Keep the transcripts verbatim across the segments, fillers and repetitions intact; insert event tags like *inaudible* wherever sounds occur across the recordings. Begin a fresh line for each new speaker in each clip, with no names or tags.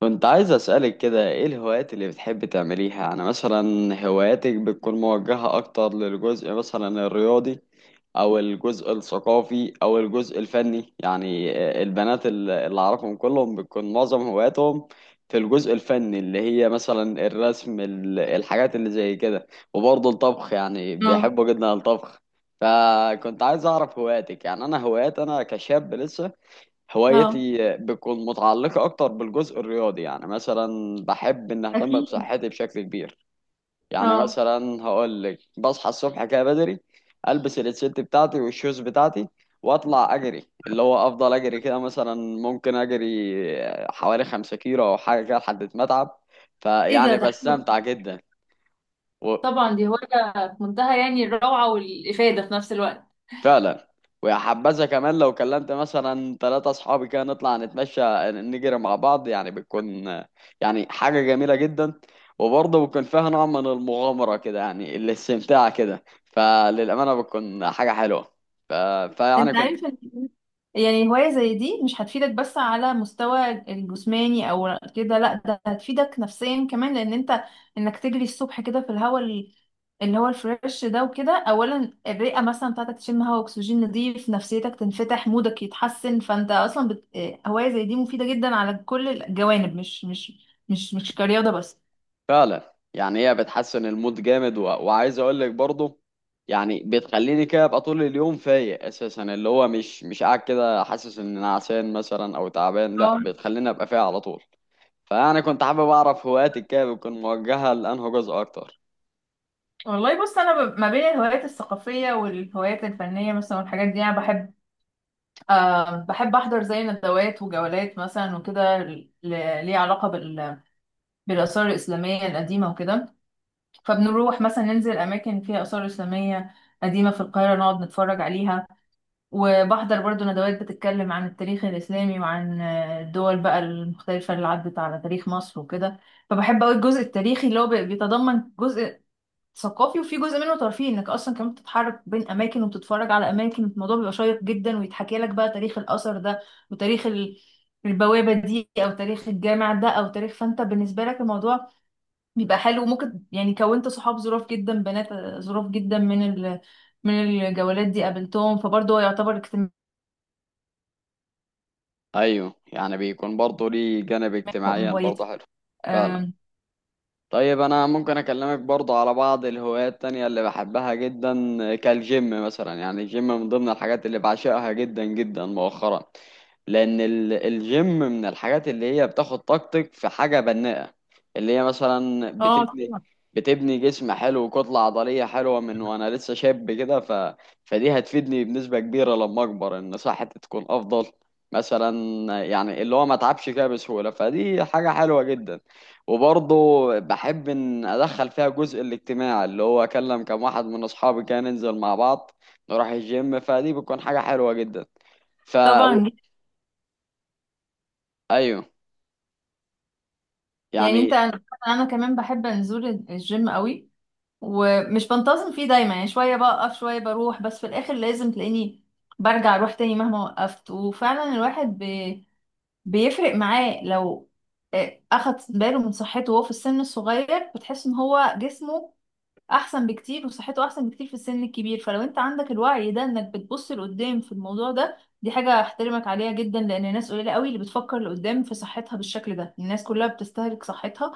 كنت عايز أسألك كده ايه الهوايات اللي بتحب تعمليها؟ انا مثلا هواياتك بتكون موجهة اكتر للجزء مثلا الرياضي او الجزء الثقافي او الجزء الفني. يعني آه، البنات ال- اللي اعرفهم كلهم بتكون معظم هواياتهم في الجزء الفني اللي هي مثلا الرسم، ال- الحاجات اللي زي كده. وبرضه الطبخ، يعني
اه.
بيحبوا جدا الطبخ. فكنت عايز اعرف هواياتك. يعني انا هوايات انا كشاب لسه
اه.
هوايتي بتكون متعلقة أكتر بالجزء الرياضي. يعني مثلا بحب إن أهتم
اكيد.
بصحتي بشكل كبير. يعني
اه.
مثلا هقول لك بصحى الصبح كده بدري، ألبس الست بتاعتي والشوز بتاعتي وأطلع أجري، اللي هو أفضل أجري كده، مثلا ممكن أجري حوالي خمسة كيلو أو حاجة كده لحد ما أتعب.
ايه ده
فيعني
ده حلو.
بستمتع جدا.
طبعا دي هواية في منتهى يعني الروعة والإفادة في نفس الوقت.
فعلا. ويا حبذا كمان لو كلمت مثلا ثلاثة أصحابي كده نطلع نتمشى نجري مع بعض، يعني بتكون آه، يعني حاجة جميلة جدا. وبرضه بتكون فيها نوع من المغامرة كده، يعني الاستمتاع كده. فللأمانة بتكون حاجة حلوة. ف... فيعني
انت
كنت
عارف ان يعني هواية زي دي مش هتفيدك بس على مستوى الجسماني او كده، لا، ده هتفيدك نفسيا كمان لان انت انك تجري الصبح كده في الهواء ال- اللي هو الفريش ده وكده، اولا الرئة مثلا بتاعتك تشم هواء اكسجين نضيف، نفسيتك تنفتح، مودك يتحسن، فانت اصلا بت... هواية زي دي مفيدة جدا على كل الجوانب، مش مش مش مش كرياضة بس.
فعلا يعني هي بتحسن المود جامد، و... وعايز أقول لك برضه يعني بتخليني كده أبقى طول اليوم فايق أساسا، اللي هو مش مش قاعد كده حاسس إن أنا عسان مثلا أو تعبان. لأ،
اه،
بتخليني أبقى فايق على طول. فانا كنت حابب اعرف هواياتك كده بتكون موجهه لانه جزء اكتر.
والله بص انا ب- ما بين الهوايات الثقافيه والهوايات الفنيه مثلا والحاجات دي انا بحب، آه بحب احضر زي ندوات وجولات مثلا وكده ل- ليه علاقه بال بالاثار الاسلاميه القديمه وكده. فبنروح مثلا ننزل اماكن فيها اثار اسلاميه قديمه في القاهره نقعد نتفرج عليها. وبحضر برضو ندوات بتتكلم عن التاريخ الاسلامي وعن آه، الدول بقى المختلفه اللي عدت على تاريخ مصر وكده. فبحب قوي الجزء التاريخي اللي هو بي- بيتضمن جزء ثقافي وفي جزء منه ترفيهي، انك اصلا كمان بتتحرك بين اماكن وبتتفرج على اماكن، الموضوع بيبقى شيق جدا ويتحكي لك بقى تاريخ الاثر ده وتاريخ ال- البوابه دي او تاريخ الجامع ده او تاريخ، فانت بالنسبه لك الموضوع بيبقى حلو. وممكن يعني كونت صحاب ظراف جدا، بنات ظراف جدا من ال من الجولات دي قابلتهم، فبرضه هو يعتبر اجتماع
ايوه، يعني بيكون برضه ليه جانب
من
اجتماعيا برضه
هوايتي.
حلو. فعلا.
آم،
طيب، انا ممكن اكلمك برضه على بعض الهوايات التانية اللي بحبها جدا. كالجيم مثلا، يعني الجيم من ضمن الحاجات اللي بعشقها جدا جدا مؤخرا. لان ال- الجيم من الحاجات اللي هي بتاخد طاقتك في حاجة بناءة، اللي هي مثلا
اه
بتبني
طبعا،
بتبني جسم حلو وكتلة عضلية حلوة من وانا لسه شاب كده. ف... فدي هتفيدني بنسبة كبيرة لما اكبر ان صحتي تكون افضل مثلا. يعني اللي هو ما اتعبش كده بسهولة. فدي حاجة حلوة جدا. وبرضه بحب ان ادخل فيها جزء الاجتماع، اللي هو اكلم كم واحد من اصحابي كده ننزل مع بعض نروح الجيم، فدي بتكون حاجة حلوة جدا. ف
طبعا
ايوه،
يعني انت
يعني
انا أنا كمان بحب انزل الجيم قوي ومش بنتظم فيه دايما، يعني شوية بقف شوية بروح، بس في الآخر لازم تلاقيني برجع أروح تاني مهما وقفت. وفعلا الواحد بي... بيفرق معاه لو آه، أخد باله من صحته وهو في السن الصغير، بتحس إن هو جسمه أحسن بكتير وصحته أحسن بكتير في السن الكبير. فلو أنت عندك الوعي ده إنك بتبص لقدام في الموضوع ده، دي حاجة أحترمك عليها جدا، لأن الناس قليلة قوي اللي بتفكر لقدام في صحتها بالشكل ده. الناس كلها بتستهلك صحتها،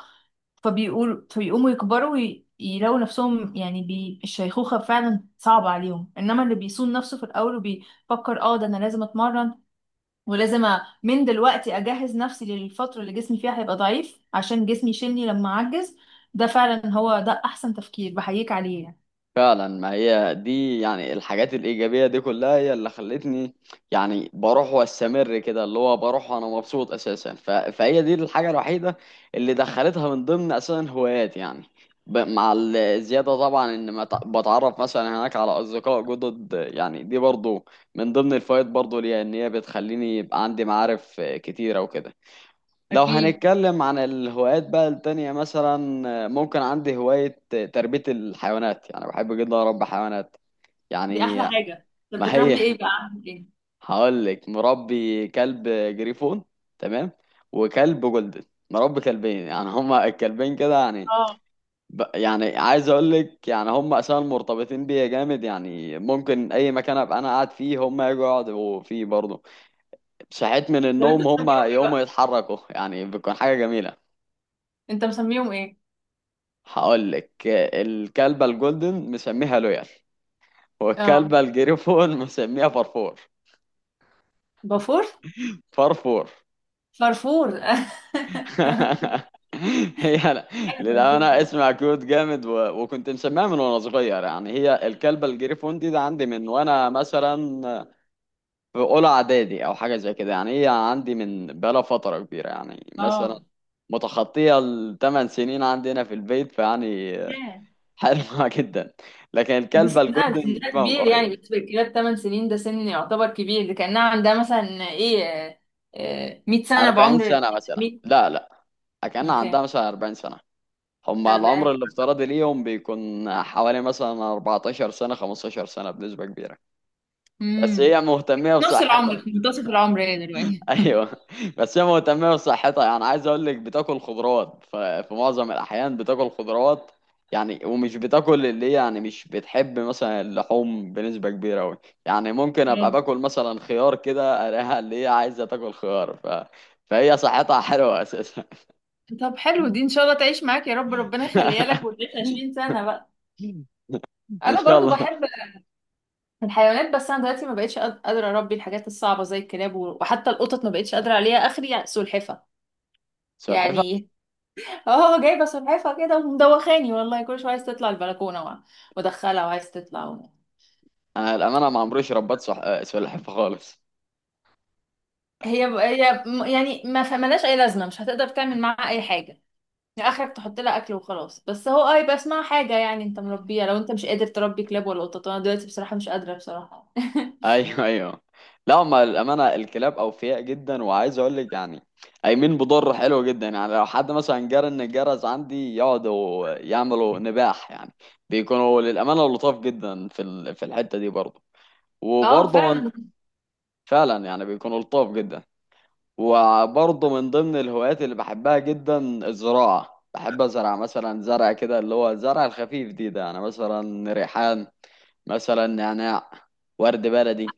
فبيقول فبيقوموا يكبروا ويلاقوا نفسهم يعني بي... الشيخوخة فعلا صعبة عليهم، انما اللي بيصون نفسه في الاول وبيفكر اه ده انا لازم اتمرن ولازم أ... من دلوقتي اجهز نفسي للفترة اللي جسمي فيها هيبقى ضعيف عشان جسمي يشيلني لما اعجز، ده فعلا هو ده احسن تفكير بحييك عليه يعني.
فعلا. ما هي دي يعني الحاجات الإيجابية دي كلها هي اللي خلتني، يعني بروح وأستمر كده، اللي هو بروح وأنا مبسوط أساسا. ف... فهي دي الحاجة الوحيدة اللي دخلتها من ضمن أساسا هوايات يعني. ب... مع الزيادة طبعا إن ما ت- بتعرف مثلا هناك على أصدقاء جدد. يعني دي برضو من ضمن الفوائد برضو ليها، إن هي بتخليني يبقى عندي معارف كتيرة وكده. لو
اكيد.
هنتكلم عن الهوايات بقى التانية مثلا، ممكن عندي هواية تربية الحيوانات. يعني بحب جدا أربي حيوانات
دي
يعني.
احلى حاجة. طب
ما
بتربي
هي
ايه بقى؟
*laughs*
عندك ايه؟
هقول لك. مربي كلب جريفون، تمام؟ وكلب جولدن. مربي كلبين، يعني هما الكلبين كده. يعني
اه.
ب- يعني عايز اقول لك يعني هما اساسا مرتبطين بيا جامد. يعني ممكن اي مكان ابقى انا قاعد فيه هما يجوا يقعدوا فيه برضه. صحيت من
طب انت
النوم
مسميهم
هما
ايه
يقوموا
بقى؟
يتحركوا. يعني بتكون حاجة جميلة.
انت مسميهم ايه؟
هقول لك، الكلبة الجولدن مسميها لويال،
اه.
والكلبة الجريفون مسميها فرفور.
بافور.
فرفور
فرفور. *laughs*
*laughs* هي لا،
حلوة،
للأمانة
سيدي.
اسمها كيوت جامد، و... وكنت مسميها من وأنا صغير. يعني هي الكلبة الجريفون دي ده عندي من وأنا مثلا في أولى إعدادي أو حاجة زي كده. يعني هي عندي من بقالها فترة كبيرة، يعني مثلا
اه.
متخطية الثمان سنين عندنا في البيت. فيعني
ياه.
حلوة *laughs* جدا. لكن
دي
الكلبة
سنها
الجولدن
سنها
جايبها من
كبير،
قريب.
يعني بالنسبة للكلاب تمن سنين ده سن يعتبر كبير، ده كأنها عندها مثلا ايه، آه، مائة سنة
أربعين
بعمر.
سنة مثلا،
مية.
لا لا. كان
اوكي.
عندها مثلا أربعين سنة. هم العمر
اربعين.
الافتراضي ليهم بيكون حوالي مثلا أربعة عشر سنة خمستاشر سنة بنسبة كبيرة. بس
امم
هي مهتمة
نص العمر،
بصحتها.
في منتصف العمر هي دلوقتي.
*laughs* ايوه، بس هي مهتمة بصحتها. يعني عايز اقول لك بتاكل خضروات، ف- في معظم الاحيان بتاكل خضروات. يعني ومش بتاكل اللي هي، يعني مش بتحب مثلا اللحوم بنسبة كبيرة أوي. يعني ممكن أبقى
آه.
باكل مثلا خيار كده ألاقيها اللي هي عايزة تاكل خيار. ف... فهي صحتها حلوة أساسا.
طب حلو، دي ان شاء الله تعيش معاك يا رب، ربنا يخليها لك وتعيش
*laughs*
عشرين سنة بقى.
ان
انا
شاء
برضو
الله.
بحب الحيوانات، بس انا دلوقتي ما بقتش قاد- قادرة اربي الحاجات الصعبة زي الكلاب و- وحتى القطط ما بقتش قادرة عليها، اخري سلحفة
سلحفاه.
يعني. اه، جايبه سلحفاه كده ومدوخاني والله، كل شويه عايز تطلع البلكونه وع- وادخلها وعايز تطلع و...
انا الامانه ما عمريش ربيت صح... آه، سلحفاه خالص.
هي هي م- يعني ما ف- ملهاش اي لازمه، مش هتقدر تعمل معاها اي حاجه، يعني اخرك تحط لها اكل وخلاص. بس هو اه يبقى اسمها حاجه يعني انت مربيها. لو انت مش قادر تربي كلاب ولا قطط، انا دلوقتي بصراحه مش قادره بصراحه. *laughs*
ايوه ايوه. لا هما الامانه الكلاب اوفياء جدا. وعايز اقول لك يعني قايمين بضر حلو جدا. يعني لو حد مثلا جرى ان الجرس عندي يقعدوا يعملوا نباح. يعني بيكونوا للامانه لطاف جدا في ال... في الحته دي برضه.
اه
وبرضه من...
فعلا.
فعلا يعني بيكونوا لطاف جدا. وبرضه من ضمن الهوايات اللي بحبها جدا الزراعة. بحب أزرع مثلا زرع كده، اللي هو الزرع الخفيف دي ده، يعني مثلا ريحان، مثلا نعناع، ورد بلدي،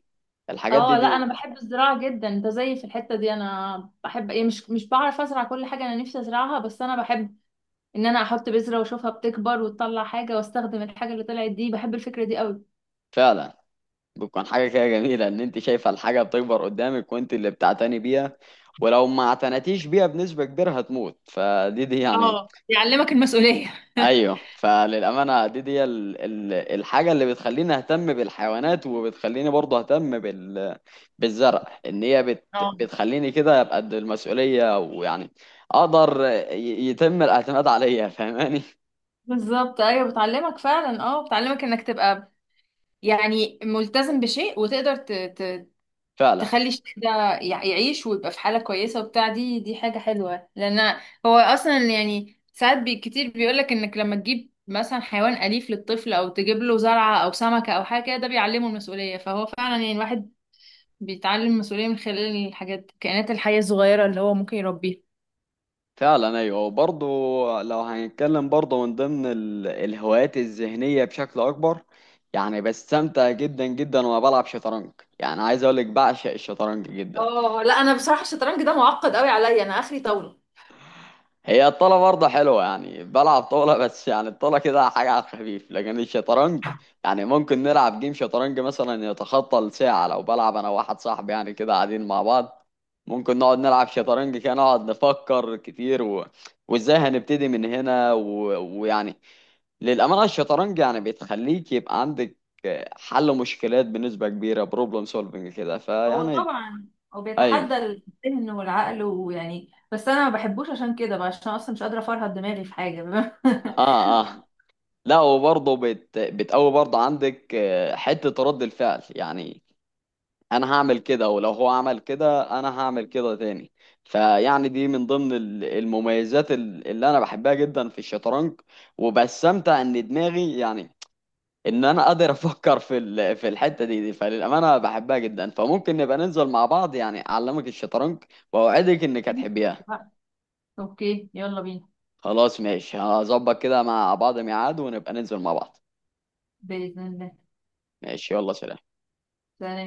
الحاجات دي
اه لا، انا
دي
بحب الزراعه جدا. انت زيي في الحته دي، انا بحب ايه، مش مش بعرف ازرع كل حاجه انا نفسي ازرعها، بس انا بحب ان انا احط بذره واشوفها بتكبر وتطلع حاجه، واستخدم الحاجه اللي طلعت دي. بحب الفكره دي قوي.
فعلا بتكون حاجة كده جميلة إن أنت شايفة الحاجة بتكبر قدامك وأنت اللي بتعتني بيها. ولو ما اعتنتيش بيها بنسبة كبيرة هتموت. فدي دي يعني،
اه، يعلمك المسؤولية.
ايوه.
*laughs*
فللامانه دي دي ال- ال- الحاجه اللي بتخليني اهتم بالحيوانات وبتخليني برضه اهتم بال بالزرع. ان هي بت
اه
بتخليني كده ابقى قد المسؤوليه ويعني اقدر ي- يتم الاعتماد عليا *laughs* فاهماني؟
بالظبط، ايوه بتعلمك فعلا، اه بتعلمك انك تبقى يعني ملتزم بشيء، وتقدر ت... ت...
فعلا
تخلي الشيء ده يع- يعيش ويبقى في حالة كويسة وبتاع. دي دي حاجة حلوة، لأن هو أصلا يعني ساعات بي كتير بيقولك إنك لما تجيب مثلا حيوان أليف للطفل أو تجيب له زرعة أو سمكة أو حاجة كده، ده بيعلمه المسؤولية. فهو فعلا يعني الواحد بيتعلم المسؤولية من خلال الحاجات الكائنات الحية الصغيرة اللي هو ممكن يربيها.
فعلا ايوه. وبرضه لو هنتكلم برضه من ضمن ال- الهوايات الذهنيه بشكل اكبر، يعني بستمتع جدا جدا وانا بلعب شطرنج. يعني عايز اقول لك بعشق الشطرنج جدا.
اه لا، انا بصراحه الشطرنج ده معقد قوي عليا، انا اخري طاوله.
هي الطاولة برضه حلوة، يعني بلعب طاولة، بس يعني الطاولة كده حاجة على الخفيف لكن الشطرنج، يعني ممكن نلعب جيم شطرنج مثلا يتخطى الساعة لو بلعب أنا وواحد صاحبي. يعني كده قاعدين مع بعض ممكن نقعد نلعب شطرنج كده نقعد نفكر كتير، و... وإزاي هنبتدي من هنا، و... ويعني للأمانة الشطرنج يعني بتخليك يبقى عندك حل مشكلات بنسبة كبيرة، بروبلم سولفنج كده.
هو
فيعني
طبعا، هو
أيوه.
بيتحدى الذهن والعقل ويعني، بس انا ما بحبوش عشان كده بقى، عشان اصلا مش قادره افرهد دماغي في حاجه.
آه آه. لا، وبرضه بت... بتقوي برضه عندك آه، حتة رد الفعل. يعني أنا هعمل كده، ولو هو عمل كده أنا هعمل كده تاني. فيعني دي من ضمن ال- المميزات ال- اللي أنا بحبها جدا في الشطرنج. وبستمتع إن دماغي يعني، إن أنا قادر أفكر في ال... في الحتة دي, دي فللأمانة بحبها جدا، فممكن نبقى ننزل مع بعض يعني أعلمك الشطرنج وأوعدك إنك هتحبيها.
*laughs* اوكي يلا بينا.
خلاص، ماشي، هظبط كده مع بعض ميعاد ونبقى ننزل مع بعض.
باذن الله.
ماشي يلا سلام.
سلام.